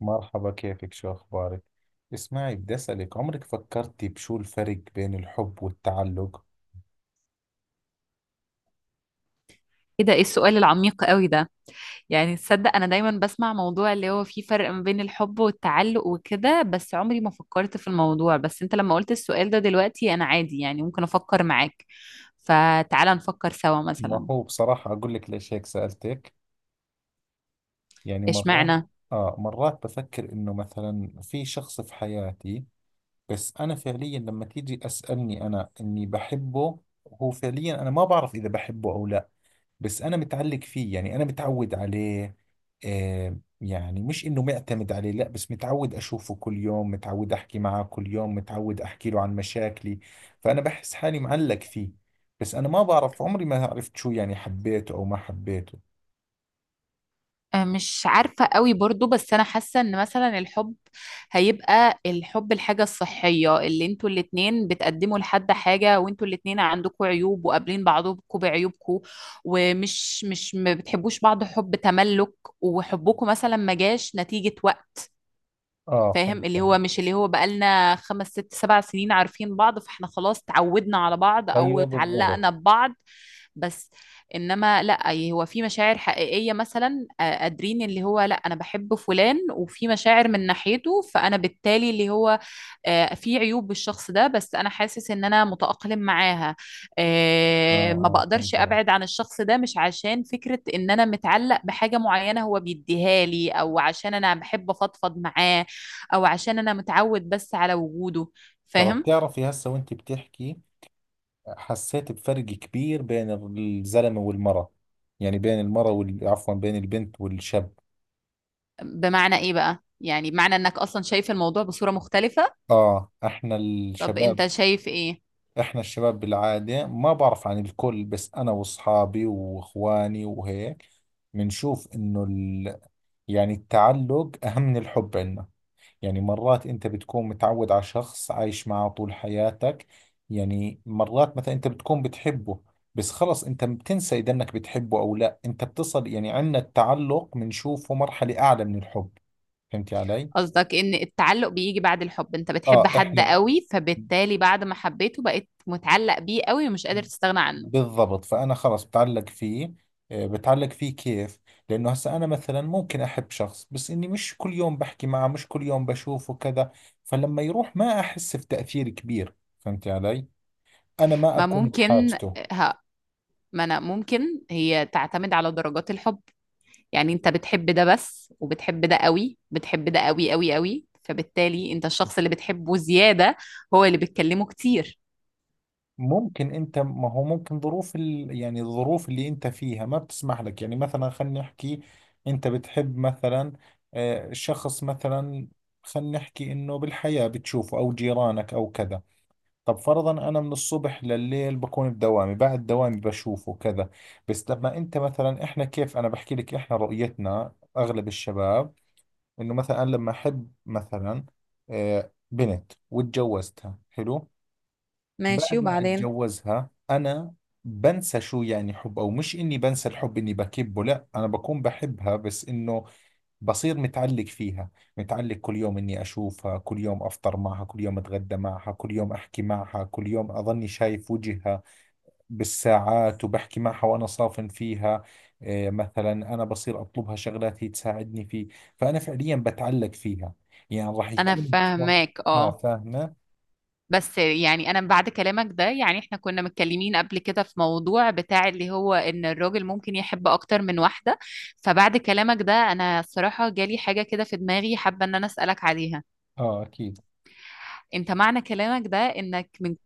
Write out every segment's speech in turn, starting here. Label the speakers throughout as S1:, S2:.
S1: مرحبا، كيفك؟ شو أخبارك؟ اسمعي، بدي أسألك، عمرك فكرتي بشو الفرق بين الحب والتعلق؟
S2: ايه ده، ايه السؤال العميق قوي ده؟ يعني تصدق انا دايما بسمع موضوع اللي هو فيه فرق ما بين الحب والتعلق وكده، بس عمري ما فكرت في الموضوع. بس انت لما قلت السؤال ده دلوقتي، انا عادي، يعني ممكن افكر معاك. فتعالى نفكر سوا.
S1: ما
S2: مثلا
S1: هو بصراحة أقول لك ليش هيك سألتك. يعني مرات
S2: اشمعنى.
S1: مرات بفكر إنه مثلا في شخص في حياتي، بس أنا فعليا لما تيجي أسألني أنا إني بحبه، هو فعليا أنا ما بعرف إذا بحبه أو لا. بس انا متعلق فيه، يعني انا متعود عليه. يعني مش انه معتمد عليه، لا، بس متعود اشوفه كل يوم، متعود احكي معه كل يوم، متعود احكي له عن مشاكلي، فانا بحس حالي معلق فيه. بس انا ما بعرف، عمري ما عرفت شو يعني، حبيته او ما حبيته.
S2: مش عارفة قوي برضو، بس أنا حاسة إن مثلا الحب هيبقى الحب الحاجة الصحية اللي انتوا الاتنين بتقدموا لحد حاجة، وانتوا الاتنين عندكوا عيوب وقابلين بعضكوا بعيوبكوا، ومش مش ما بتحبوش بعض حب تملك، وحبكوا مثلا ما جاش نتيجة وقت.
S1: اه، فهمت
S2: فاهم؟ اللي
S1: علي.
S2: هو مش اللي هو بقالنا خمس ست سبع سنين عارفين بعض، فاحنا خلاص تعودنا على بعض او
S1: ايوه بالضبط.
S2: اتعلقنا ببعض. بس انما لا، هو في مشاعر حقيقية مثلا. قادرين اللي هو، لا انا بحب فلان وفي مشاعر من ناحيته، فانا بالتالي اللي هو في عيوب بالشخص ده، بس انا حاسس ان انا متأقلم معاها.
S1: اه
S2: ما
S1: اه
S2: بقدرش
S1: فهمت علي.
S2: ابعد عن الشخص ده، مش عشان فكرة ان انا متعلق بحاجة معينة هو بيديها لي، او عشان انا بحب افضفض معاه، او عشان انا متعود بس على وجوده.
S1: طب
S2: فاهم؟
S1: بتعرفي، هسه وانت بتحكي حسيت بفرق كبير بين الزلمة والمرأة، يعني بين المرأة عفوا، بين البنت والشاب.
S2: بمعنى ايه بقى؟ يعني بمعنى انك اصلا شايف الموضوع بصورة مختلفة؟
S1: اه، احنا
S2: طب
S1: الشباب،
S2: انت شايف ايه؟
S1: احنا الشباب بالعادة، ما بعرف عن الكل بس انا واصحابي واخواني وهيك، بنشوف انه يعني التعلق اهم من الحب عندنا. يعني مرات انت بتكون متعود على شخص عايش معه طول حياتك، يعني مرات مثلا انت بتكون بتحبه بس خلص انت بتنسى اذا انك بتحبه او لا، انت بتصل، يعني عندنا التعلق بنشوفه مرحلة اعلى من الحب. فهمت علي؟
S2: قصدك ان التعلق بيجي بعد الحب؟ انت بتحب
S1: اه
S2: حد
S1: احنا
S2: قوي، فبالتالي بعد ما حبيته بقيت متعلق بيه قوي ومش قادر تستغنى عنه؟
S1: بالضبط، فأنا خلص بتعلق فيه. بتعلق فيه كيف؟ لأنه هسا أنا مثلا ممكن أحب شخص بس إني مش كل يوم بحكي معه، مش كل يوم بشوفه كذا، فلما يروح ما أحس بتأثير كبير. فهمت علي؟ أنا ما
S2: ما
S1: أكون
S2: ممكن.
S1: بحاجته.
S2: ها. ما انا ممكن. هي تعتمد على درجات الحب. يعني انت بتحب ده بس، وبتحب ده قوي، بتحب ده قوي قوي قوي، فبالتالي انت الشخص اللي بتحبه زيادة هو اللي بتكلمه كتير.
S1: ممكن أنت، ما هو ممكن ظروف يعني الظروف اللي أنت فيها ما بتسمح لك، يعني مثلا خلينا نحكي، أنت بتحب مثلا شخص مثلا، خلينا نحكي إنه بالحياة بتشوفه أو جيرانك أو كذا، طب فرضا انا من الصبح لليل بكون بدوامي، بعد دوامي بشوفه كذا. بس لما انت مثلا، احنا كيف انا بحكي لك، احنا رؤيتنا اغلب الشباب، انه مثلا أنا لما احب مثلا بنت وتجوزتها، حلو،
S2: ماشي،
S1: بعد ما
S2: وبعدين؟
S1: اتجوزها انا بنسى شو يعني حب، او مش اني بنسى الحب اني بكبه، لا انا بكون بحبها بس انه بصير متعلق فيها، متعلق كل يوم إني أشوفها، كل يوم أفطر معها، كل يوم أتغدى معها، كل يوم أحكي معها، كل يوم أظني شايف وجهها بالساعات، وبحكي معها وأنا صافن فيها. إيه، مثلا أنا بصير أطلبها شغلات هي تساعدني فيه، فأنا فعليا بتعلق فيها، يعني راح
S2: انا
S1: يكون.
S2: فاهماك،
S1: آه،
S2: اه.
S1: فاهمة.
S2: بس يعني انا بعد كلامك ده، يعني احنا كنا متكلمين قبل كده في موضوع بتاع اللي هو ان الراجل ممكن يحب اكتر من واحدة. فبعد كلامك ده، انا الصراحة جالي حاجة كده في دماغي، حابة ان انا اسألك عليها.
S1: آه أكيد.
S2: انت معنى كلامك ده انك من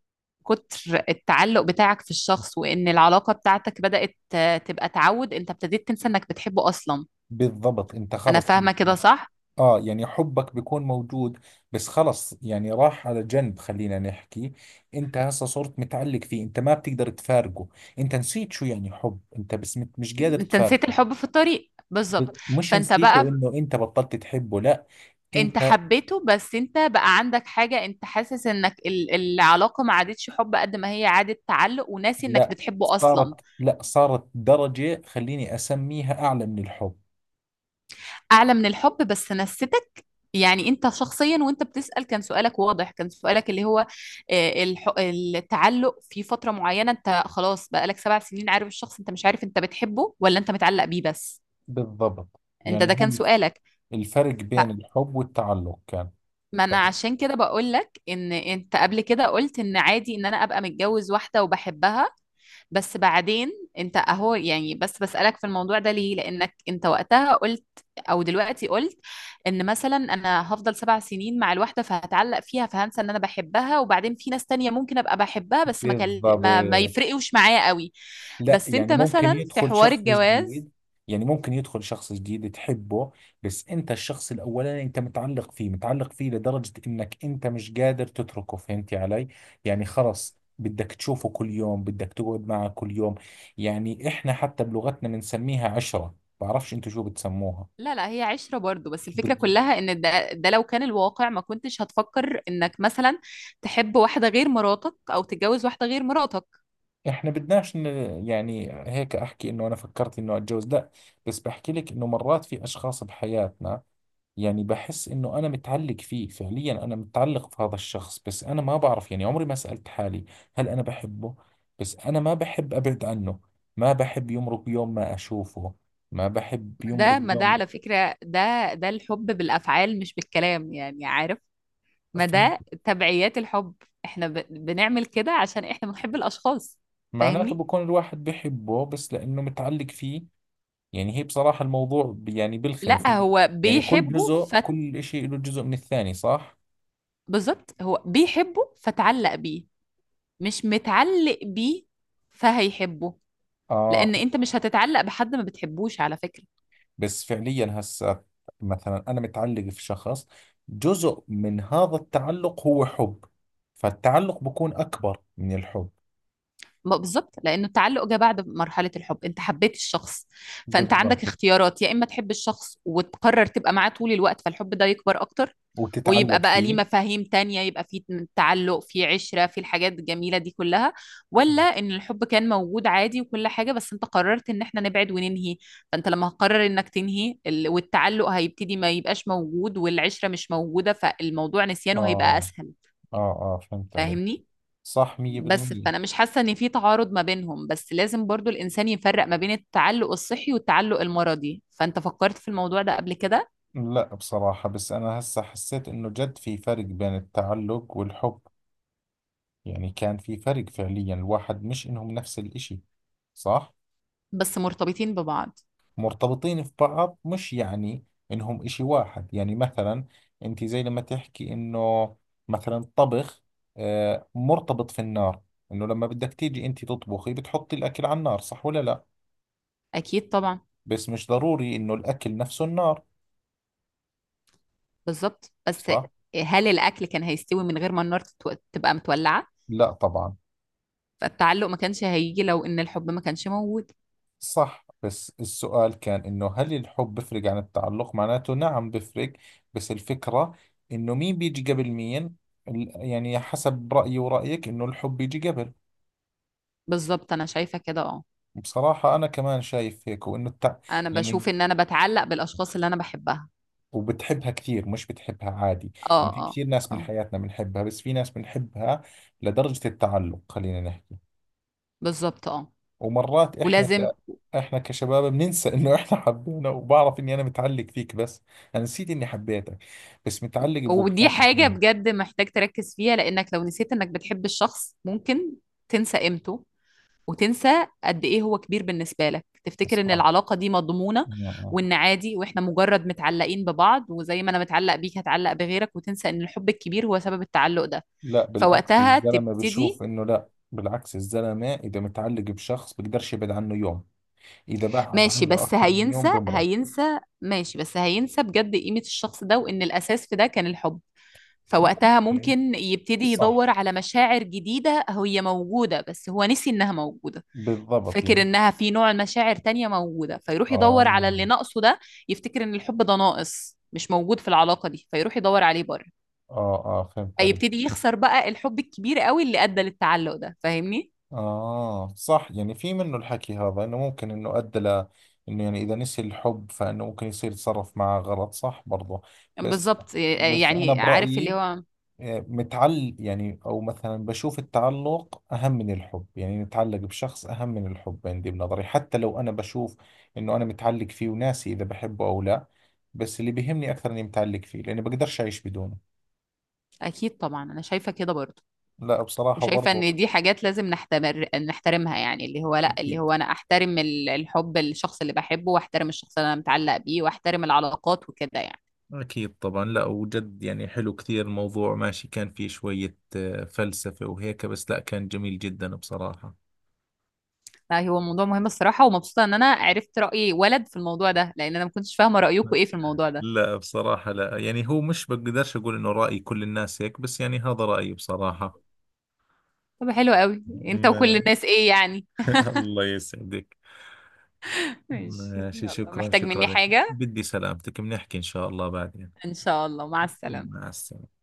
S2: كتر التعلق بتاعك في الشخص وان العلاقة بتاعتك بدأت تبقى تعود، انت ابتديت تنسى انك بتحبه اصلا.
S1: بالضبط، أنت
S2: انا
S1: خلص أنت،
S2: فاهمة كده صح؟
S1: اه يعني حبك بيكون موجود بس خلص، يعني راح على جنب، خلينا نحكي، انت هسه صرت متعلق فيه، انت ما بتقدر تفارقه، انت نسيت شو يعني حب، انت بس مش قادر
S2: انت نسيت
S1: تفارقه.
S2: الحب في الطريق بالظبط.
S1: مش
S2: فانت
S1: نسيته
S2: بقى،
S1: انه انت بطلت تحبه، لا.
S2: أنت
S1: انت.
S2: حبيته، بس أنت بقى عندك حاجة، أنت حاسس إنك العلاقة ما عادتش حب قد ما هي عادت تعلق، وناسي إنك
S1: لا،
S2: بتحبه أصلا.
S1: صارت، لا صارت درجة خليني اسميها اعلى من الحب.
S2: أعلى من الحب، بس نستك. يعني أنت شخصيا وأنت بتسأل، كان سؤالك واضح، كان سؤالك اللي هو التعلق في فترة معينة، أنت خلاص بقالك سبع سنين عارف الشخص، أنت مش عارف أنت بتحبه ولا أنت متعلق بيه بس.
S1: بالضبط
S2: أنت
S1: يعني
S2: ده
S1: هو
S2: كان سؤالك.
S1: الفرق
S2: ف
S1: بين الحب والتعلق كان.
S2: ما انا عشان كده بقول لك ان انت قبل كده قلت ان عادي ان انا ابقى متجوز واحده وبحبها. بس بعدين انت اهو، يعني بس بسألك في الموضوع ده ليه، لانك انت وقتها قلت او دلوقتي قلت ان مثلا انا هفضل سبع سنين مع الواحده، فهتعلق فيها، فهنسى ان انا بحبها، وبعدين في ناس تانية ممكن ابقى بحبها، بس
S1: بالضبط.
S2: ما يفرقوش معايا قوي.
S1: لا،
S2: بس انت
S1: يعني ممكن
S2: مثلا في
S1: يدخل
S2: حوار
S1: شخص
S2: الجواز.
S1: جديد، يعني ممكن يدخل شخص جديد تحبه، بس انت الشخص الاولاني انت متعلق فيه، متعلق فيه لدرجة انك انت مش قادر تتركه، فهمتي علي؟ يعني خلص بدك تشوفه كل يوم، بدك تقعد معه كل يوم. يعني احنا حتى بلغتنا بنسميها عشرة، بعرفش انتوا شو بتسموها.
S2: لا لا، هي عشرة برضو، بس الفكرة
S1: بد...
S2: كلها ان ده لو كان الواقع ما كنتش هتفكر انك مثلا تحب واحدة غير مراتك او تتجوز واحدة غير مراتك.
S1: احنا يعني هيك احكي انه انا فكرت انه اتجوز، لا، بس بحكي لك انه مرات في اشخاص بحياتنا، يعني بحس انه انا متعلق فيه، فعليا انا متعلق في هذا الشخص بس انا ما بعرف، يعني عمري ما سألت حالي هل انا بحبه، بس انا ما بحب ابعد عنه، ما بحب يمرق يوم ما اشوفه، ما بحب يمرق
S2: ده، ما ده
S1: يوم.
S2: على فكرة، ده الحب بالافعال مش بالكلام، يعني عارف. ما ده
S1: فهمت.
S2: تبعيات الحب. احنا بنعمل كده عشان احنا بنحب الاشخاص.
S1: معناته
S2: فاهمني؟
S1: بكون الواحد بحبه بس لانه متعلق فيه. يعني هي بصراحة الموضوع يعني بلخم،
S2: لا
S1: فهمت؟
S2: هو
S1: يعني كل
S2: بيحبه
S1: جزء، كل اشي له جزء من الثاني، صح؟
S2: بالظبط. هو بيحبه فتعلق بيه، مش متعلق بيه فهيحبه.
S1: اه.
S2: لان انت مش هتتعلق بحد ما بتحبوش على فكرة.
S1: بس فعليا هسه مثلا انا متعلق في شخص، جزء من هذا التعلق هو حب، فالتعلق بكون اكبر من الحب.
S2: ما بالظبط، لانه التعلق جه بعد مرحله الحب، انت حبيت الشخص. فانت عندك
S1: بالضبط.
S2: اختيارات، يا اما تحب الشخص وتقرر تبقى معاه طول الوقت، فالحب ده يكبر اكتر ويبقى
S1: وتتعلق
S2: بقى ليه
S1: فيه.
S2: مفاهيم تانية، يبقى فيه تعلق، فيه عشرة، فيه الحاجات الجميلة دي كلها، ولا ان الحب كان موجود عادي وكل حاجة، بس انت قررت ان احنا نبعد وننهي. فانت لما هتقرر انك تنهي والتعلق هيبتدي ما يبقاش موجود، والعشرة مش موجودة، فالموضوع نسيانه هيبقى
S1: اه
S2: اسهل.
S1: اه اه، فهمت عليك.
S2: فاهمني؟
S1: صح
S2: بس
S1: 100%.
S2: فانا مش حاسه ان في تعارض ما بينهم، بس لازم برضو الانسان يفرق ما بين التعلق الصحي والتعلق المرضي. فانت فكرت في الموضوع ده قبل كده؟
S1: لا بصراحة، بس انا هسه حسيت انه جد في فرق بين التعلق والحب، يعني كان في فرق فعليا، الواحد مش انهم نفس الاشي، صح.
S2: بس مرتبطين ببعض.
S1: مرتبطين في بعض، مش يعني انهم اشي واحد. يعني مثلا انت زي لما تحكي انه مثلا الطبخ مرتبط في النار، انه لما بدك تيجي انت تطبخي بتحطي الاكل على النار، صح ولا لا؟
S2: اكيد طبعا.
S1: بس مش ضروري انه الاكل نفسه النار.
S2: بالظبط، بس
S1: صح.
S2: هل الاكل كان هيستوي من غير ما النار تبقى متولعه؟
S1: لا طبعا.
S2: فالتعلق ما كانش هيجي لو ان الحب ما كانش موجود.
S1: صح، بس السؤال كان انه هل الحب بفرق عن التعلق؟ معناته نعم بفرق، بس الفكرة انه مين بيجي قبل مين، يعني حسب رأيي ورأيك انه الحب بيجي قبل.
S2: بالظبط، انا شايفه كده اه.
S1: بصراحة أنا كمان شايف هيك، وإنه
S2: انا بشوف
S1: يعني
S2: ان انا بتعلق بالاشخاص اللي انا بحبها.
S1: وبتحبها كثير، مش بتحبها عادي.
S2: اه.
S1: يعني في
S2: اه.
S1: كثير ناس من
S2: اه.
S1: حياتنا بنحبها، بس في ناس بنحبها لدرجة التعلق خلينا نحكي.
S2: بالظبط، اه.
S1: ومرات
S2: ولازم.
S1: إحنا كشباب بننسى إنه إحنا حبينا، وبعرف إني أنا متعلق فيك، بس أنا نسيت إني حبيتك، بس متعلق
S2: ودي
S1: بوقتات
S2: حاجة
S1: اليوم.
S2: بجد محتاج تركز فيها، لأنك لو نسيت إنك بتحب الشخص، ممكن تنسى قيمته وتنسى قد إيه هو كبير بالنسبة لك، تفتكر إن
S1: صح.
S2: العلاقة دي مضمونة،
S1: آه. آه.
S2: وإن عادي وإحنا مجرد متعلقين ببعض، وزي ما أنا متعلق بيك هتعلق بغيرك، وتنسى إن الحب الكبير هو سبب التعلق ده.
S1: لا بالعكس،
S2: فوقتها
S1: الزلمة
S2: تبتدي.
S1: بشوف إنه، لا بالعكس، الزلمة إذا متعلق بشخص بقدرش يبعد عنه يوم، إذا بعد
S2: ماشي،
S1: عنه
S2: بس
S1: أكثر من يوم بمرض.
S2: هينسى بجد قيمة الشخص ده، وإن الأساس في ده كان الحب. فوقتها
S1: يعني
S2: ممكن يبتدي
S1: صح.
S2: يدور على مشاعر جديدة هي موجودة، بس هو نسي إنها موجودة.
S1: بالضبط
S2: فاكر
S1: يعني.
S2: إنها في نوع مشاعر تانية موجودة، فيروح يدور
S1: آه
S2: على اللي ناقصه ده. يفتكر إن الحب ده ناقص مش موجود في العلاقة دي، فيروح يدور عليه بره،
S1: آه آه، فهمت عليك.
S2: فيبتدي يخسر بقى الحب الكبير قوي اللي أدى للتعلق ده. فاهمني؟
S1: آه صح، يعني في منه الحكي هذا، إنه ممكن إنه أدى ل، إنه يعني إذا نسي الحب فإنه ممكن يصير يتصرف معه غلط، صح برضه. بس،
S2: بالظبط،
S1: بس أنا
S2: يعني عارف اللي
S1: برأيي،
S2: هو.
S1: آه، متعل يعني، أو مثلا بشوف التعلق أهم من الحب، يعني نتعلق بشخص أهم من الحب عندي بنظري، حتى لو أنا بشوف إنه أنا متعلق فيه وناسي إذا بحبه أو لا، بس اللي بيهمني أكثر إني متعلق فيه، لأني بقدرش أعيش بدونه.
S2: أكيد طبعا، أنا شايفة كده برضه،
S1: لا بصراحة
S2: وشايفة
S1: برضو.
S2: ان دي حاجات لازم نحتمر نحترمها، يعني اللي هو لا، اللي
S1: أكيد.
S2: هو انا احترم الحب للشخص اللي بحبه، واحترم الشخص اللي انا متعلق بيه، واحترم العلاقات وكده يعني.
S1: أكيد طبعا، لا وجد، يعني حلو كثير الموضوع، ماشي، كان فيه شوية فلسفة وهيك، بس لا كان جميل جدا بصراحة.
S2: لا هو موضوع مهم الصراحة، ومبسوطة ان انا عرفت رأي ولد في الموضوع ده، لان انا ما كنتش فاهمة رأيكم ايه في الموضوع ده.
S1: لا بصراحة، لا، يعني هو مش بقدرش أقول إنه رأي كل الناس هيك، بس يعني هذا رأيي بصراحة.
S2: طب حلو قوي انت
S1: ما-
S2: وكل الناس، ايه يعني؟
S1: الله يسعدك.
S2: ماشي،
S1: ماشي،
S2: يلا
S1: شكرا،
S2: محتاج
S1: شكرا
S2: مني
S1: لك،
S2: حاجة؟
S1: بدي سلامتك، بنحكي إن شاء الله بعدين.
S2: ان شاء الله، مع السلامة.
S1: مع السلامة.